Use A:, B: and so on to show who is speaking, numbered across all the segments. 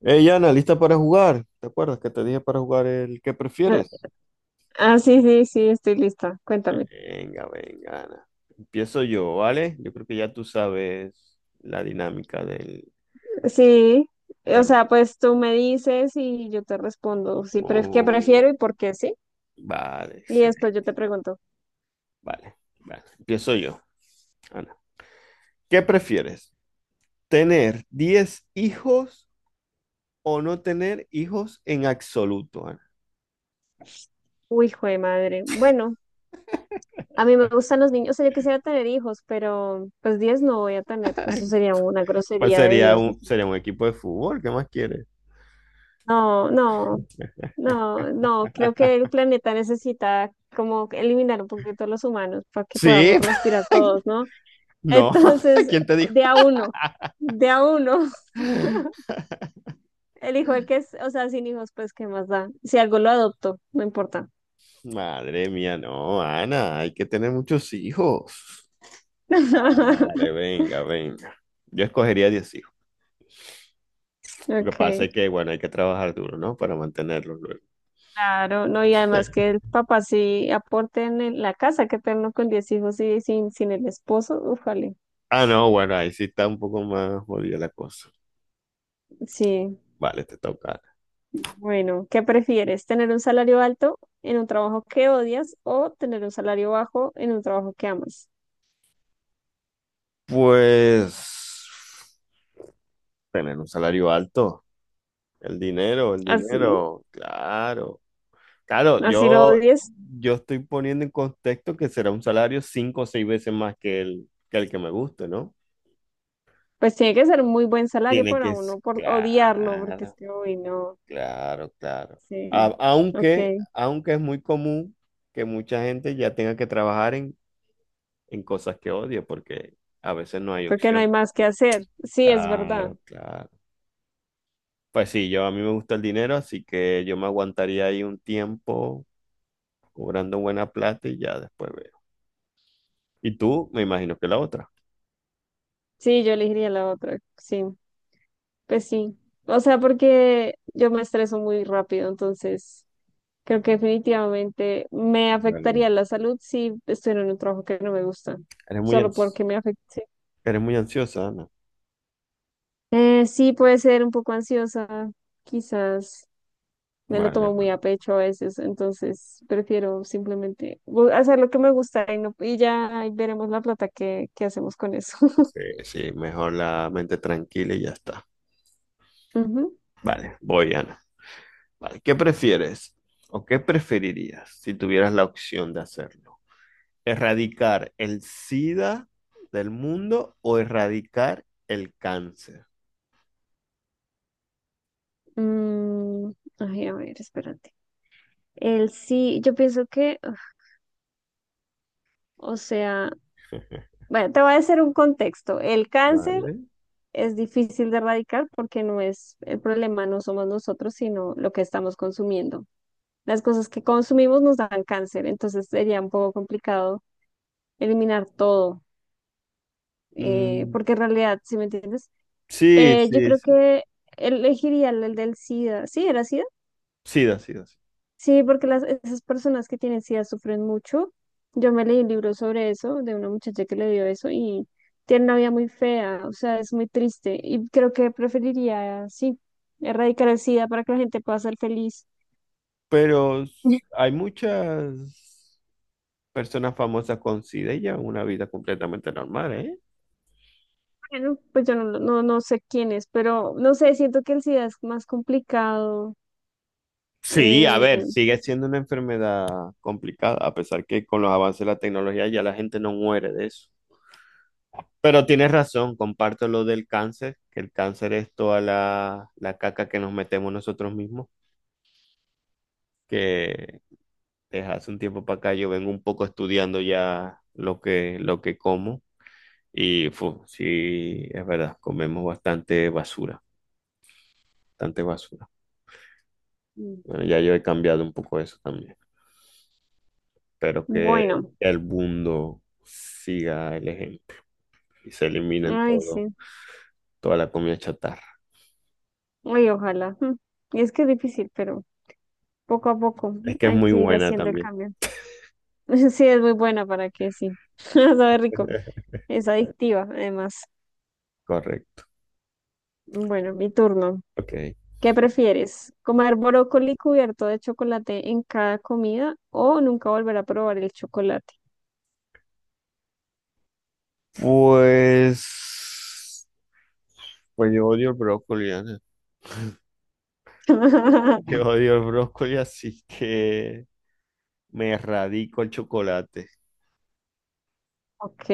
A: Ey, Ana, ¿lista para jugar? ¿Te acuerdas que te dije para jugar el que
B: Ah,
A: prefieres?
B: ah, sí, sí, sí, estoy lista. Cuéntame.
A: Venga, venga, Ana. Empiezo yo, ¿vale? Yo creo que ya tú sabes la dinámica.
B: Sí, o
A: Del-
B: sea, pues tú me dices y yo te respondo sí pref qué
A: Oh,
B: prefiero y por qué, ¿sí?
A: vale,
B: Y después yo te
A: excelente.
B: pregunto.
A: Vale, vale. Empiezo yo, Ana. ¿Qué prefieres? ¿Tener 10 hijos o no tener hijos en absoluto, Ana?
B: Uy, hijo de madre. Bueno, a mí me gustan los niños, o sea, yo quisiera tener hijos, pero pues 10 no voy a tener. Eso sería una
A: Pues
B: grosería de
A: sería
B: Dios, ¿no?
A: un, sería un equipo de fútbol, ¿qué más quieres?
B: No, no, no, no, creo que el planeta necesita como eliminar un poquito a los humanos para que
A: Sí,
B: podamos respirar todos, ¿no?
A: no,
B: Entonces,
A: ¿quién te
B: de a uno, de a uno.
A: dijo?
B: El hijo el que es, O sea, sin hijos, pues, ¿qué más da? Si algo lo adoptó, no importa.
A: Madre mía, no, Ana, hay que tener muchos hijos. Vale, venga, venga. Yo escogería 10 hijos. Lo que
B: Ok,
A: pasa es que, bueno, hay que trabajar duro, ¿no? Para mantenerlos luego.
B: claro, no, y además que el papá sí aporte en la casa, que tenerlo con 10 hijos y sin el esposo, ufale,
A: Ah, no, bueno, ahí sí está un poco más jodida la cosa.
B: sí.
A: Vale, te toca.
B: Bueno, ¿qué prefieres? ¿Tener un salario alto en un trabajo que odias o tener un salario bajo en un trabajo que amas?
A: Pues, tener un salario alto. El
B: Así,
A: dinero, claro. Claro,
B: así lo
A: yo,
B: odies,
A: yo estoy poniendo en contexto que será un salario cinco o seis veces más que el que me guste, ¿no?
B: pues tiene que ser muy buen salario
A: Tiene
B: para
A: que ser,
B: uno por odiarlo, porque es
A: claro,
B: que, uy, no,
A: claro, claro. A-
B: sí,
A: aunque,
B: ok.
A: aunque es muy común que mucha gente ya tenga que trabajar en cosas que odia, porque a veces no hay
B: Porque no hay
A: opción.
B: más que hacer. Sí, es verdad.
A: Claro, claro. Pues sí, yo a mí me gusta el dinero, así que yo me aguantaría ahí un tiempo cobrando buena plata y ya después veo. Y tú, me imagino que la otra.
B: Sí, yo elegiría la otra. Sí, pues sí. O sea, porque yo me estreso muy rápido, entonces creo que definitivamente me
A: Es verdad.
B: afectaría la salud si estuviera en un trabajo que no me gusta,
A: Eres muy,
B: solo
A: ans-
B: porque me afecte.
A: eres muy ansiosa, Ana.
B: Sí, puede ser un poco ansiosa, quizás me lo
A: Vale,
B: tomo muy
A: vale.
B: a pecho a veces, entonces prefiero simplemente hacer lo que me gusta y, no, y ya ahí veremos la plata que hacemos con eso.
A: Sí, sí, mejor la mente tranquila y ya está.
B: Ujú.
A: Vale, voy, Ana. Vale, ¿qué prefieres o qué preferirías si tuvieras la opción de hacerlo? ¿Erradicar el SIDA del mundo o erradicar el cáncer?
B: Mm, Ay, a ver, espérate. El sí, yo pienso que, uf, o sea, bueno, te voy a hacer un contexto. El cáncer
A: Vale.
B: es difícil de erradicar porque no es el problema, no somos nosotros, sino lo que estamos consumiendo. Las cosas que consumimos nos dan cáncer, entonces sería un poco complicado eliminar todo,
A: Mm,
B: porque en realidad, ¿si me entiendes?
A: sí,
B: Yo
A: sí,
B: creo
A: sí.
B: que elegiría el del SIDA. Sí, era SIDA.
A: SIDA, SIDA, sí.
B: Sí, porque las, esas personas que tienen SIDA sufren mucho. Yo me leí un libro sobre eso, de una muchacha que le dio eso y tiene una vida muy fea, o sea, es muy triste. Y creo que preferiría, sí, erradicar el SIDA para que la gente pueda ser feliz.
A: Pero hay muchas personas famosas con SIDA y llevan una vida completamente normal, ¿eh?
B: Bueno, pues yo no, no sé quién es, pero no sé, siento que el SIDA es más complicado.
A: Sí, a ver,
B: Eh,
A: sigue siendo una enfermedad complicada, a pesar que con los avances de la tecnología ya la gente no muere de eso. Pero tienes razón, comparto lo del cáncer, que el cáncer es toda la caca que nos metemos nosotros mismos, que desde hace un tiempo para acá yo vengo un poco estudiando ya lo que, como y sí, es verdad, comemos bastante basura, bastante basura. Bueno, ya yo he cambiado un poco eso también. Espero que
B: bueno,
A: el mundo siga el ejemplo y se eliminen
B: ay,
A: todo,
B: sí,
A: toda la comida chatarra.
B: ay, ojalá. Mm. Y es que es difícil, pero poco a poco
A: Es que es
B: hay
A: muy
B: que ir
A: buena
B: haciendo el
A: también.
B: cambio. Sí, es muy buena para que sí. Sabe rico. Es adictiva, además.
A: Correcto.
B: Bueno, mi turno.
A: Ok.
B: ¿Qué prefieres? ¿Comer brócoli cubierto de chocolate en cada comida o nunca volver a probar el chocolate?
A: Pues, pues yo odio el brócoli, Ana. Yo odio el brócoli, así que me erradico el chocolate.
B: Ok.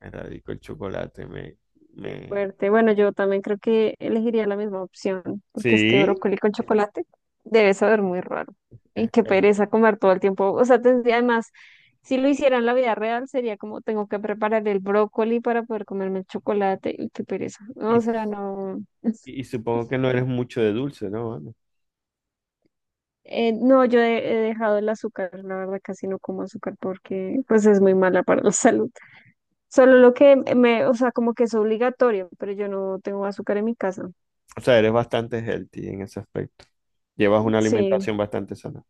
A: Me erradico el chocolate,
B: Qué
A: me...
B: fuerte. Bueno, yo también creo que elegiría la misma opción, porque es que
A: Sí,
B: brócoli con chocolate debe saber muy raro. Y
A: eh,
B: qué
A: eh,
B: pereza comer todo el tiempo. O sea, tendría además, si lo hiciera en la vida real, sería como tengo que preparar el brócoli para poder comerme el chocolate. Y qué pereza.
A: y,
B: O sea, no.
A: y supongo que no eres mucho de dulce, ¿no? Ana?
B: No, yo he dejado el azúcar, la verdad casi no como azúcar porque pues es muy mala para la salud. Solo lo que me, o sea, como que es obligatorio, pero yo no tengo azúcar en mi casa.
A: O sea, eres bastante healthy en ese aspecto. Llevas una
B: Sí,
A: alimentación bastante sana.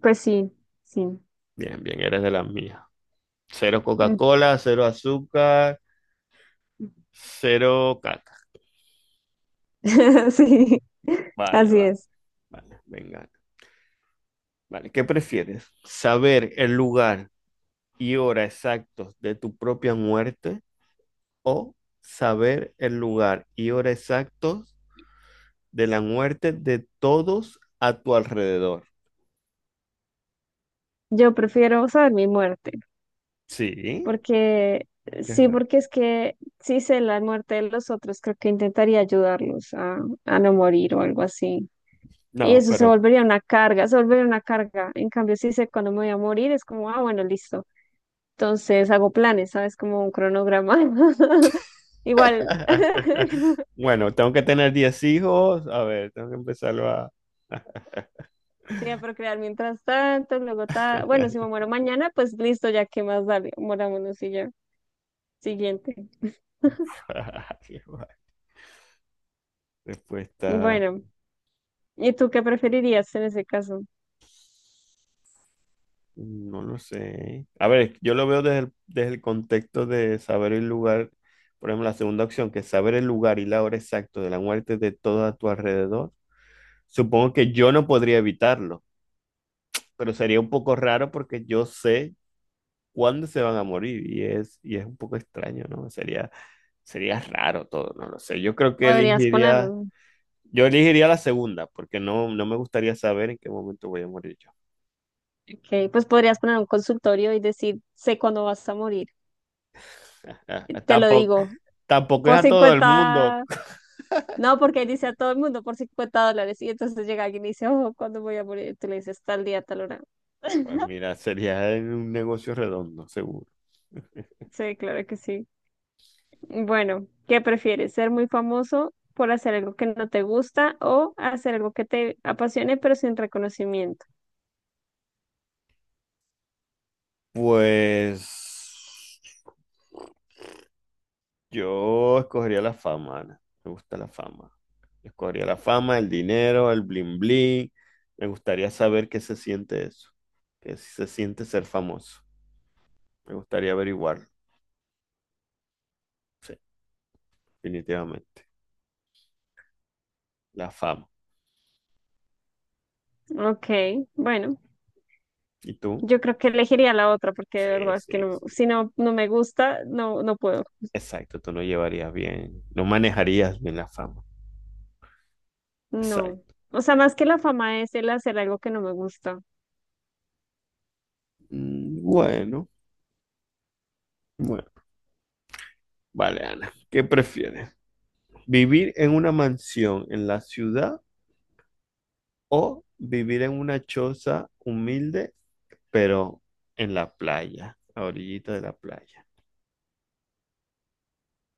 B: pues sí, sí.
A: Bien, bien, eres de las mías. Cero
B: Mm.
A: Coca-Cola, cero azúcar, cero caca.
B: Sí,
A: Vale,
B: así es.
A: vale, venga. Vale, ¿qué prefieres? ¿Saber el lugar y hora exactos de tu propia muerte o saber el lugar y hora exactos de la muerte de todos a tu alrededor?
B: Yo prefiero saber mi muerte,
A: Sí,
B: porque
A: qué
B: sí,
A: raro.
B: porque es que si sé la muerte de los otros, creo que intentaría ayudarlos a no morir o algo así. Y
A: No,
B: eso se
A: pero
B: volvería una carga, se volvería una carga. En cambio, si sé cuándo me voy a morir, es como, ah, bueno, listo. Entonces hago planes, ¿sabes? Como un cronograma. Igual,
A: bueno, tengo que tener 10 hijos. A ver, tengo que empezarlo a.
B: sí, a procrear mientras tanto, luego ta... Bueno, si me muero mañana, pues listo, ya qué más da, morámonos y ya. Siguiente.
A: Respuesta.
B: Bueno, ¿y tú qué preferirías en ese caso?
A: No lo sé. A ver, yo lo veo desde el, contexto de saber el lugar, por ejemplo, la segunda opción, que es saber el lugar y la hora exacta de la muerte de todo a tu alrededor. Supongo que yo no podría evitarlo, pero sería un poco raro porque yo sé cuándo se van a morir y es un poco extraño, ¿no? Sería raro todo, no lo sé. Yo creo que
B: Podrías poner,
A: elegiría,
B: un-
A: yo elegiría la segunda, porque no me gustaría saber en qué momento voy a morir yo.
B: ok, pues podrías poner un consultorio y decir, sé cuándo vas a morir.
A: Ah,
B: Te lo
A: Tampoco,
B: digo,
A: tampoco es
B: por
A: a todo el mundo.
B: 50. No, porque ahí dice a todo el mundo por $50 y entonces llega alguien y dice, oh, ¿cuándo voy a morir? Y tú le dices, tal día, tal hora.
A: Pues mira, sería un negocio redondo, seguro.
B: Sí, claro que sí. Bueno, ¿qué prefieres? ¿Ser muy famoso por hacer algo que no te gusta o hacer algo que te apasione pero sin reconocimiento?
A: Pues yo escogería la fama, Ana. Me gusta la fama. Escogería la fama, el dinero, el bling bling. Me gustaría saber qué se siente eso. Qué se siente ser famoso. Me gustaría averiguarlo. Sí, definitivamente. La fama.
B: Ok, bueno,
A: ¿Y tú?
B: yo creo que elegiría la otra porque de
A: Sí,
B: verdad es que
A: sí,
B: no,
A: sí.
B: si no, no me gusta, no, no puedo.
A: Exacto, tú no llevarías bien, no manejarías bien la fama.
B: No.
A: Exacto.
B: O sea, más que la fama es el hacer algo que no me gusta.
A: Mm, bueno, bueno. Vale, Ana. ¿Qué prefieres? ¿Vivir en una mansión en la ciudad o vivir en una choza humilde, pero en la playa, a orillita de la playa?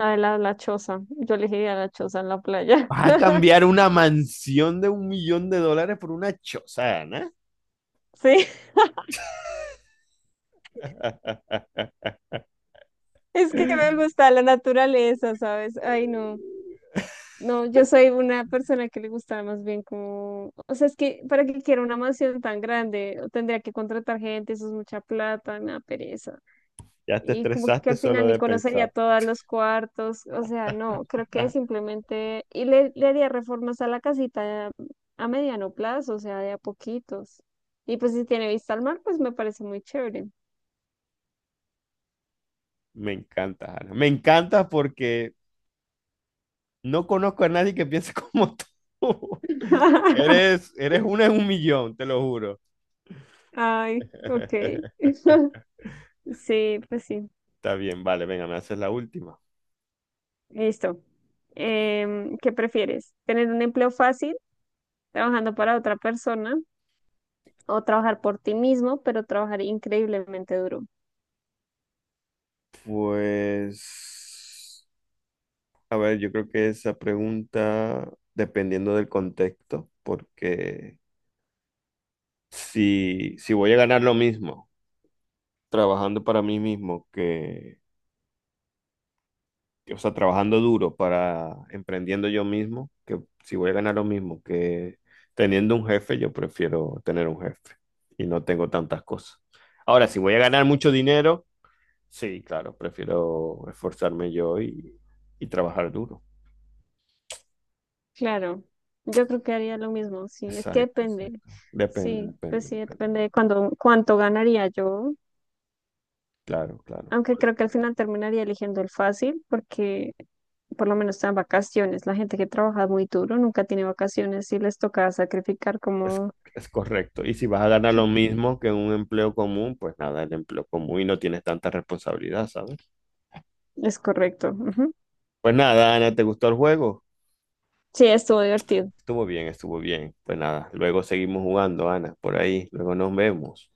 B: La de la choza. Yo elegiría la choza en la playa.
A: ¿Vas a cambiar una mansión de 1 millón de dólares por una choza, Ana?
B: Sí, es que me gusta la naturaleza, ¿sabes? Ay, no. No, yo soy una persona que le gusta más bien como, o sea, es que para que quiera una mansión tan grande, o tendría que contratar gente, eso es mucha plata, me da pereza.
A: Ya te
B: Y como que
A: estresaste
B: al
A: solo
B: final ni
A: de
B: conocería
A: pensar.
B: todos los cuartos, o sea, no, creo que
A: Ah,
B: simplemente, y le haría reformas a la casita a mediano plazo, o sea, de a poquitos. Y pues si tiene vista al mar, pues me parece muy chévere.
A: me encanta, Ana. Me encanta porque no conozco a nadie que piense como tú. Eres una en un millón, te lo juro.
B: Ay, ok. Sí, pues sí.
A: Está bien, vale, venga, me haces la última.
B: Listo. ¿Qué prefieres? ¿Tener un empleo fácil trabajando para otra persona o trabajar por ti mismo, pero trabajar increíblemente duro?
A: Pues, a ver, yo creo que esa pregunta, dependiendo del contexto, porque si voy a ganar lo mismo trabajando para mí mismo que, o sea, trabajando duro para emprendiendo yo mismo, que si voy a ganar lo mismo que teniendo un jefe, yo prefiero tener un jefe y no tengo tantas cosas. Ahora, si voy a ganar mucho dinero. Sí, claro, prefiero esforzarme yo y trabajar duro.
B: Claro, yo creo que haría lo mismo. Sí, es que
A: Exacto,
B: depende.
A: exacto. Depende,
B: Sí, pues
A: depende,
B: sí,
A: depende.
B: depende de cuánto ganaría yo.
A: Claro, claro.
B: Aunque creo que al final terminaría eligiendo el fácil porque por lo menos están vacaciones. La gente que trabaja muy duro nunca tiene vacaciones y les toca sacrificar
A: Es,
B: como
A: es correcto. Y si vas a ganar lo mismo que un empleo común, pues nada, el empleo común y no tienes tanta responsabilidad, ¿sabes?
B: es correcto. Ujú.
A: Pues nada, Ana, ¿te gustó el juego?
B: Sí, estuvo divertido.
A: Estuvo bien, estuvo bien. Pues nada, luego seguimos jugando, Ana, por ahí. Luego nos vemos.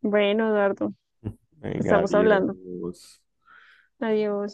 B: Bueno, Eduardo.
A: Venga,
B: Estamos hablando.
A: adiós.
B: Adiós.